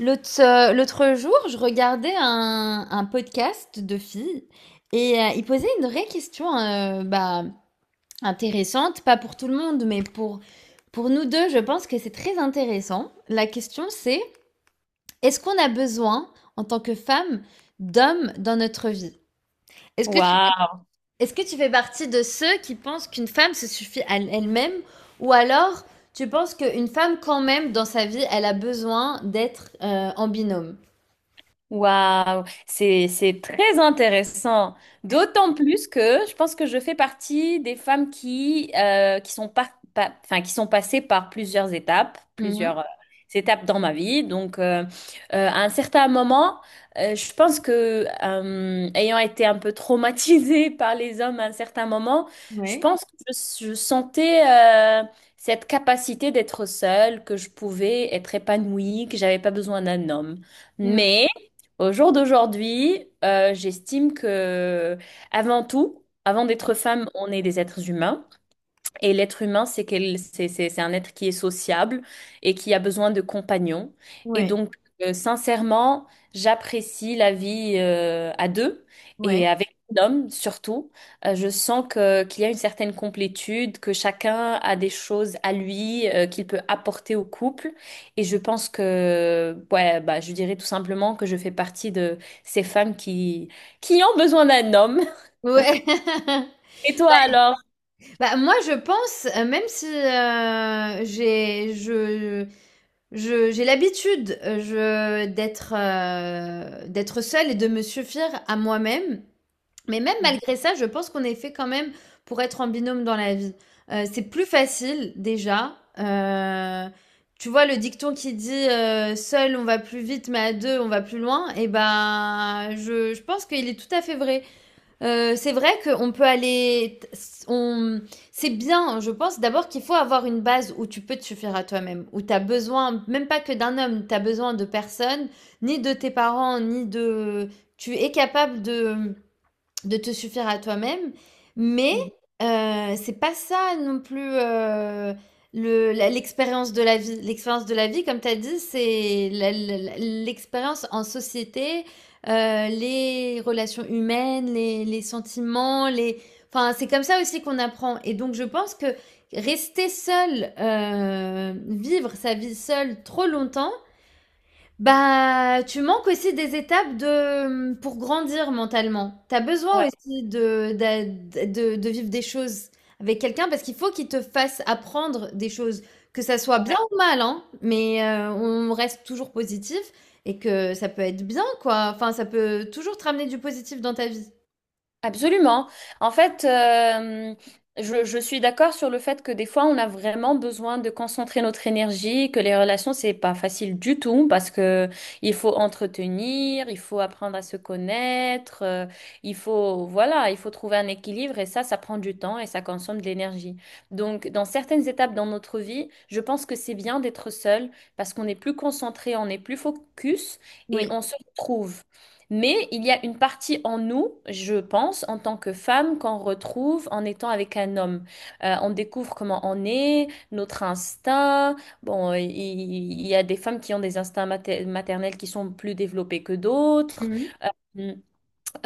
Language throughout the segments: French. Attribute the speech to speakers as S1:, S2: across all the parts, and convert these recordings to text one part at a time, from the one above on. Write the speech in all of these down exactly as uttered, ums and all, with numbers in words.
S1: L'autre, euh, l'autre jour, je regardais un, un podcast de filles et euh, ils posaient une vraie question euh, bah, intéressante, pas pour tout le monde, mais pour, pour nous deux, je pense que c'est très intéressant. La question c'est, est-ce qu'on a besoin, en tant que femme, d'hommes dans notre vie? Est-ce que tu, fais-
S2: Waouh!
S1: Est-ce que tu fais partie de ceux qui pensent qu'une femme se suffit à elle-même, ou alors tu penses qu'une femme, quand même, dans sa vie, elle a besoin d'être euh, en binôme?
S2: Waouh, c'est c'est très intéressant. D'autant plus que je pense que je fais partie des femmes qui euh, qui sont pas, pas- enfin qui sont passées par plusieurs étapes,
S1: Mhm.
S2: plusieurs euh, étapes dans ma vie. Donc euh, euh, à un certain moment, euh, je pense que euh, ayant été un peu traumatisée par les hommes à un certain moment, je
S1: Ouais.
S2: pense que je, je sentais euh, cette capacité d'être seule, que je pouvais être épanouie, que j'avais pas besoin d'un homme.
S1: Mmh.
S2: Mais au jour d'aujourd'hui, euh, j'estime que avant tout, avant d'être femme, on est des êtres humains. Et l'être humain, c'est qu'elle, c'est, c'est- c'est un être qui est sociable et qui a besoin de compagnons. Et
S1: Ouais,
S2: donc, euh, sincèrement, j'apprécie la vie euh, à deux
S1: ouais.
S2: et avec un homme surtout. Euh, je sens que qu'il y a une certaine complétude, que chacun a des choses à lui euh, qu'il peut apporter au couple. Et je pense que, ouais, bah, je dirais tout simplement que je fais partie de ces femmes qui qui ont besoin d'un homme.
S1: Ouais.
S2: Et toi alors?
S1: Bah, moi, je pense, heu, même si, heu, j'ai je je j'ai l'habitude, heu, je d'être, heu, d'être seule et de me suffire à moi-même. Mais même malgré ça, je pense qu'on est fait quand même pour être en binôme dans la vie. Heu, c'est plus facile déjà. Heu, tu vois le dicton qui dit, heu: «Seul on va plus vite, mais à deux on va plus loin», et ben, je je pense qu'il est tout à fait vrai. Euh, c'est vrai qu'on peut aller. On... C'est bien, je pense d'abord qu'il faut avoir une base où tu peux te suffire à toi-même, où tu as besoin, même pas que d'un homme, tu as besoin de personne, ni de tes parents, ni de. Tu es capable de de te suffire à toi-même, mais
S2: Mhm.
S1: heu, c'est pas ça non plus. Heu, le la L'expérience de la vie. L'expérience de la vie, comme tu as dit, c'est la la l'expérience en société, heu, les relations humaines, les les sentiments, les, enfin, c'est comme ça aussi qu'on apprend. Et donc je pense que rester seul, heu, vivre sa vie seul trop longtemps, bah, tu manques aussi des étapes de, pour grandir mentalement. T'as
S2: Ouais,
S1: besoin aussi de, d'a- de, de vivre des choses avec quelqu'un, parce qu'il faut qu'il te fasse apprendre des choses, que ça soit bien
S2: ouais.
S1: ou mal, hein. Mais euh, on reste toujours positif, et que ça peut être bien, quoi. Enfin, ça peut toujours te ramener du positif dans ta vie.
S2: Absolument. En fait, euh, je, je suis d'accord sur le fait que des fois, on a vraiment besoin de concentrer notre énergie, que les relations, c'est pas facile du tout parce que il faut entretenir, il faut apprendre à se connaître, euh, il faut, voilà, il faut trouver un équilibre et ça, ça prend du temps et ça consomme de l'énergie. Donc, dans certaines étapes dans notre vie, je pense que c'est bien d'être seul parce qu'on est plus concentré, on est plus focus et
S1: Oui.
S2: on se retrouve. Mais il y a une partie en nous, je pense, en tant que femme, qu'on retrouve en étant avec un homme. Euh, on découvre comment on est, notre instinct. Bon, euh, il il y a des femmes qui ont des instincts mater- maternels qui sont plus développés que d'autres.
S1: Mhm.
S2: Mm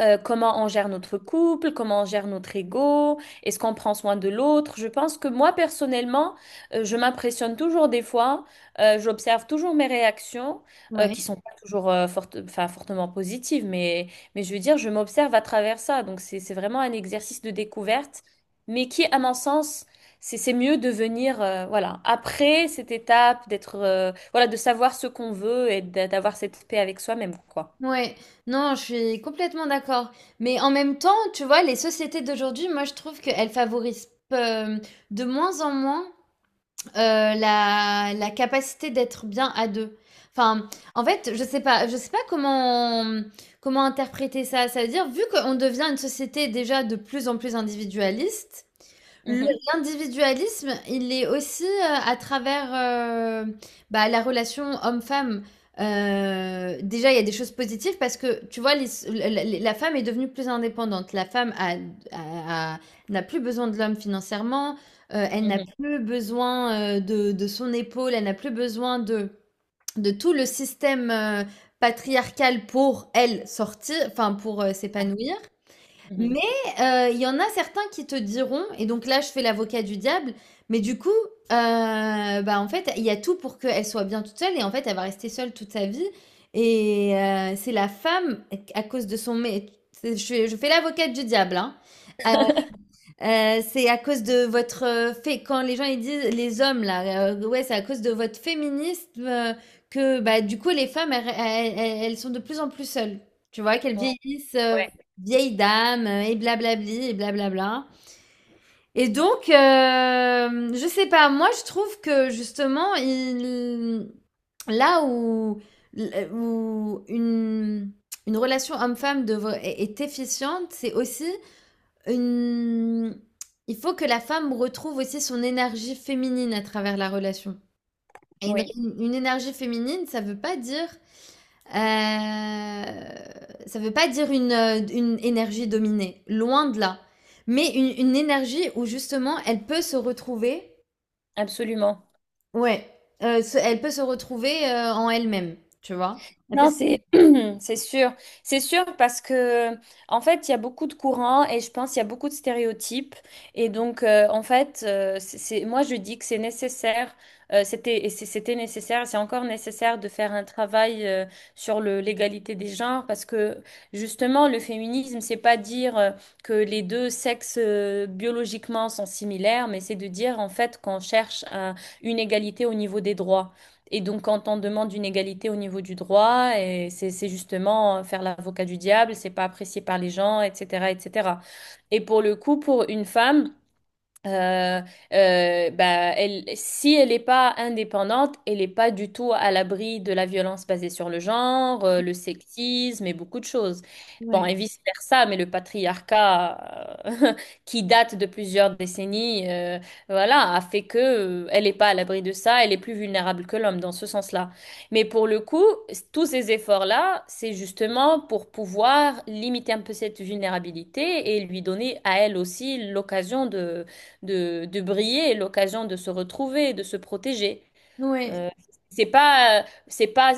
S2: euh, Comment on gère notre couple, comment on gère notre ego, est-ce qu'on prend soin de l'autre. Je pense que moi, personnellement, euh, je m'impressionne toujours des fois, euh, j'observe toujours mes réactions, euh,
S1: Ouais.
S2: qui sont pas toujours euh, forte- enfin, fortement positives, mais, mais je veux dire, je m'observe à travers ça. Donc, c'est, c'est vraiment un exercice de découverte, mais qui, à mon sens, c'est c'est mieux de venir, euh, voilà, après cette étape, d'être, euh, voilà, de savoir ce qu'on veut et d'a- d'avoir cette paix avec soi-même, quoi.
S1: Ouais. Non, je suis complètement d'accord. Mais en même temps, tu vois, les sociétés d'aujourd'hui, moi, je trouve qu'elles favorisent euh, de moins en moins Heu, la la capacité d'être bien à deux. Enfin, en fait, je sais pas je sais pas comment comment interpréter ça. Ça veut dire, vu qu'on devient une société déjà de plus en plus individualiste, le
S2: Mhm,
S1: l'individualisme, il est aussi, heu, à travers, heu, bah, la relation homme-femme. Heu, déjà, il y a des choses positives parce que, tu vois, les la la la femme est devenue plus indépendante. La femme a a a n'a plus besoin de l'homme financièrement, heu, elle n'a
S2: mhm,
S1: plus besoin, heu, de de son épaule, elle n'a plus besoin de de tout le système, heu, patriarcal pour elle sortir, enfin, pour, heu, s'épanouir.
S2: mhm.
S1: Mais heu, il y en a certains qui te diront, et donc là, je fais l'avocat du diable, mais du coup, heu, bah, en fait, il y a tout pour qu'elle soit bien toute seule, et en fait, elle va rester seule toute sa vie, et heu, c'est la femme, à cause de son mé, c'est, je fais je fais l'avocate du diable, hein. Euh, c'est à cause de votre euh, fait quand les gens ils disent les hommes là euh, ouais, c'est à cause de votre féminisme, euh, que bah du coup les femmes elles, elles- elles- elles sont de plus en plus seules, tu vois, qu'elles
S2: Ouais,
S1: vieillissent, euh,
S2: ouais,
S1: vieilles dames, euh, et blablabli et blablabla. Et donc euh, je sais pas, moi je trouve que justement, il, là où où une une relation homme-femme devrait- est est efficiente, c'est aussi une... Il faut que la femme retrouve aussi son énergie féminine à travers la relation. Et une,
S2: oui,
S1: une énergie féminine, ça veut pas dire, euh, ça veut pas dire une, euh, une énergie dominée, loin de là. Mais une, une énergie où justement elle peut se retrouver,
S2: absolument.
S1: ouais, euh, se- elle peut se retrouver euh, en elle-même, tu vois. Elle peut
S2: Non,
S1: se-
S2: c'est c'est sûr. C'est sûr parce que en fait, il y a beaucoup de courants et je pense qu'il y a beaucoup de stéréotypes. Et donc, euh, en fait, euh, c'est, c'est- moi, je dis que c'est nécessaire. Euh, c'était et c'est- c'était nécessaire, c'est encore nécessaire de faire un travail euh, sur le l'égalité des genres parce que justement, le féminisme, c'est pas dire euh, que les deux sexes euh, biologiquement sont similaires, mais c'est de dire en fait qu'on cherche euh, une égalité au niveau des droits. Et donc, quand on demande une égalité au niveau du droit, et c'est c'est justement euh, faire l'avocat du diable, c'est pas apprécié par les gens, et cetera, et cetera. Et cetera. Et pour le coup, pour une femme, euh, euh, bah, elle, si elle n'est pas indépendante, elle n'est pas du tout à l'abri de la violence basée sur le genre, euh, le sexisme et beaucoup de choses. Bon,
S1: Ouais.
S2: et vice-versa, mais le patriarcat euh, qui date de plusieurs décennies, euh, voilà, a fait que euh, elle n'est pas à l'abri de ça, elle est plus vulnérable que l'homme dans ce sens-là. Mais pour le coup, tous ces efforts-là, c'est justement pour pouvoir limiter un peu cette vulnérabilité et lui donner à elle aussi l'occasion de de, de briller, l'occasion de se retrouver, de se protéger.
S1: Ouais.
S2: Euh, c'est pas, c'est pas,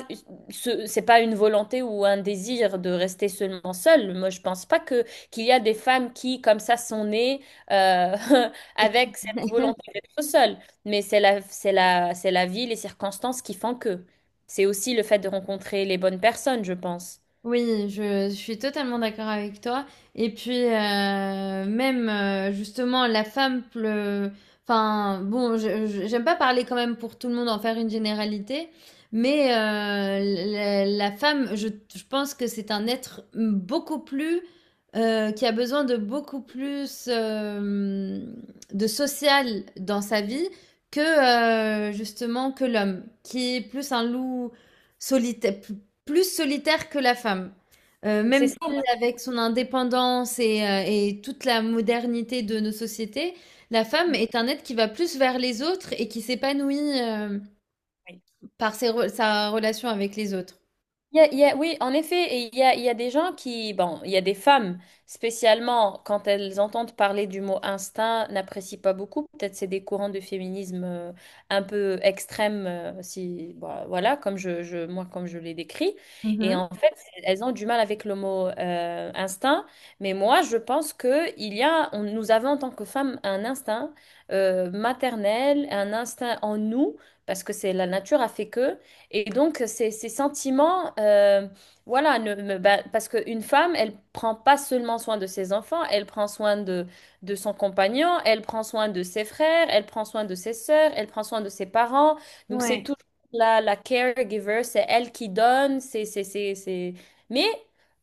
S2: ce- c'est pas une volonté ou un désir de rester seulement seule. Moi, je pense pas que qu'il y a des femmes qui, comme ça, sont nées euh, avec cette volonté d'être seule. Mais c'est la, c'est la, c'est la vie, les circonstances qui font que. C'est aussi le fait de rencontrer les bonnes personnes, je pense.
S1: Oui, je, je suis totalement d'accord avec toi. Et puis, euh, même euh, justement, la femme pleut. Enfin, bon, je- je- j'aime pas parler quand même pour tout le monde, en faire une généralité, mais euh, la, la femme, je, je pense que c'est un être beaucoup plus, euh, qui a besoin de beaucoup plus euh, de social dans sa vie, que euh, justement que l'homme, qui est plus un loup solitaire, plus solitaire que la femme. Heu,
S2: C'est
S1: même si
S2: ça,
S1: avec son indépendance et heu et toute la modernité de nos sociétés, la femme
S2: moi.
S1: est un être qui va plus vers les autres et qui s'épanouit, hem, par ses re sa relation avec les autres.
S2: Il y a- il y a- oui, en effet, et il y a, il y a des gens qui, bon, il y a des femmes, spécialement quand elles entendent parler du mot instinct, n'apprécient pas beaucoup. Peut-être c'est des courants de féminisme euh, un peu extrêmes, euh, si, bon, voilà, comme je, je- moi, comme je les décris. Et
S1: Mmh.
S2: en fait, elles ont du mal avec le mot euh, instinct. Mais moi, je pense que il y a, on- nous avons en tant que femmes un instinct euh, maternel, un instinct en nous, parce que c'est la nature a fait que. Et donc, ces, ces sentiments, euh, voilà, ne, me- bah, parce qu'une femme, elle prend pas seulement soin de ses enfants, elle prend soin de, de son compagnon, elle prend soin de ses frères, elle prend soin de ses sœurs, elle prend soin de ses parents. Donc, c'est
S1: Ouais.
S2: toujours la, la caregiver, c'est elle qui donne, c'est, c'est, c'est, c'est... Mais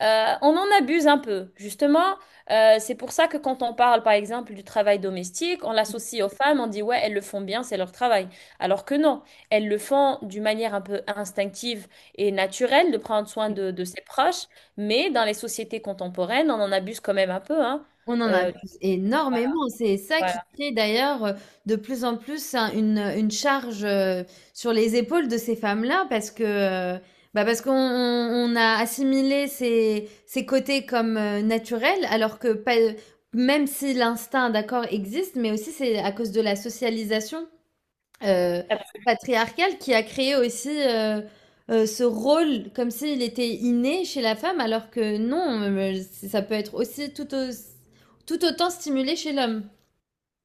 S2: euh, on en abuse un peu, justement. Euh, c'est pour ça que quand on parle, par exemple, du travail domestique, on l'associe aux femmes, on dit, ouais, elles le font bien, c'est leur travail. Alors que non. Elles le font d'une manière un peu instinctive et naturelle de prendre soin de, de ses proches, mais dans les sociétés contemporaines, on en abuse quand même un peu, hein.
S1: On en
S2: Euh,
S1: abuse énormément. C'est ça qui
S2: voilà.
S1: crée d'ailleurs euh, de plus en plus un- une, une charge euh, sur les épaules de ces femmes-là, parce que euh, bah parce qu'on on- on a assimilé ces, ces côtés comme euh, naturels, alors que pas- même si l'instinct d'accord existe, mais aussi c'est à cause de la socialisation euh, patriarcal, qui a créé aussi euh, euh, ce rôle comme s'il était inné chez la femme, alors que non. Euh, ça peut être aussi tout, au- tout autant stimulé chez l'homme.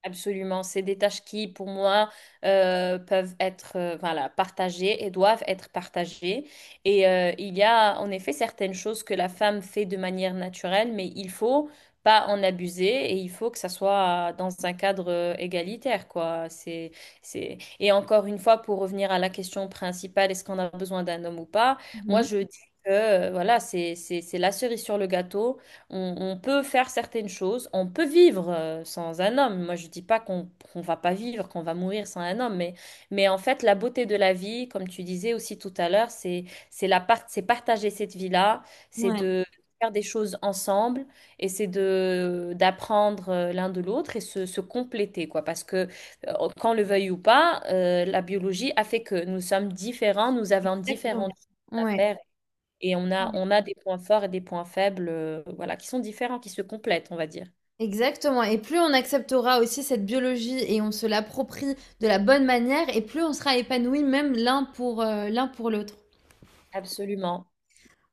S2: Absolument, c'est des tâches qui, pour moi, euh, peuvent être euh, voilà, partagées et doivent être partagées. Et euh, il y a en effet certaines choses que la femme fait de manière naturelle, mais il faut pas en abuser et il faut que ça soit dans un cadre euh, égalitaire, quoi. C'est, c'est... Et encore une fois, pour revenir à la question principale, est-ce qu'on a besoin d'un homme ou pas? Moi,
S1: Mhm.
S2: je dis que euh, voilà, c'est, c'est, c'est la cerise sur le gâteau. On, on peut faire certaines choses, on peut vivre euh, sans un homme. Moi, je dis pas qu'on qu'on va pas vivre, qu'on va mourir sans un homme, mais, mais en fait, la beauté de la vie, comme tu disais aussi tout à l'heure, c'est c'est la part, c'est partager cette vie-là, c'est
S1: Ouais,
S2: de faire des choses ensemble et c'est de d'apprendre euh, l'un de l'autre et se, se compléter, quoi. Parce que euh, qu'on le veuille ou pas, euh, la biologie a fait que nous sommes différents, nous avons différentes
S1: exactement.
S2: choses à
S1: Ouais.
S2: faire et on a,
S1: Ouais.
S2: on a des points forts et des points faibles, euh, voilà, qui sont différents, qui se complètent, on va dire.
S1: Exactement. Et plus on acceptera aussi cette biologie et on se l'approprie de la bonne manière, et plus on sera épanoui, même l'un pour euh, l'un pour l'autre.
S2: Absolument.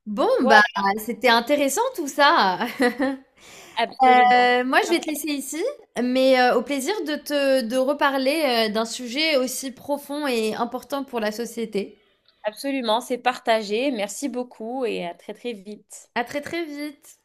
S1: Bon, bah,
S2: Voilà,
S1: c'était intéressant tout ça.
S2: absolument.
S1: Euh, moi, je vais te laisser ici, mais euh, au plaisir de te de reparler euh, d'un sujet aussi profond et important pour la société.
S2: Absolument, c'est partagé. Merci beaucoup et à très très vite.
S1: À très très vite.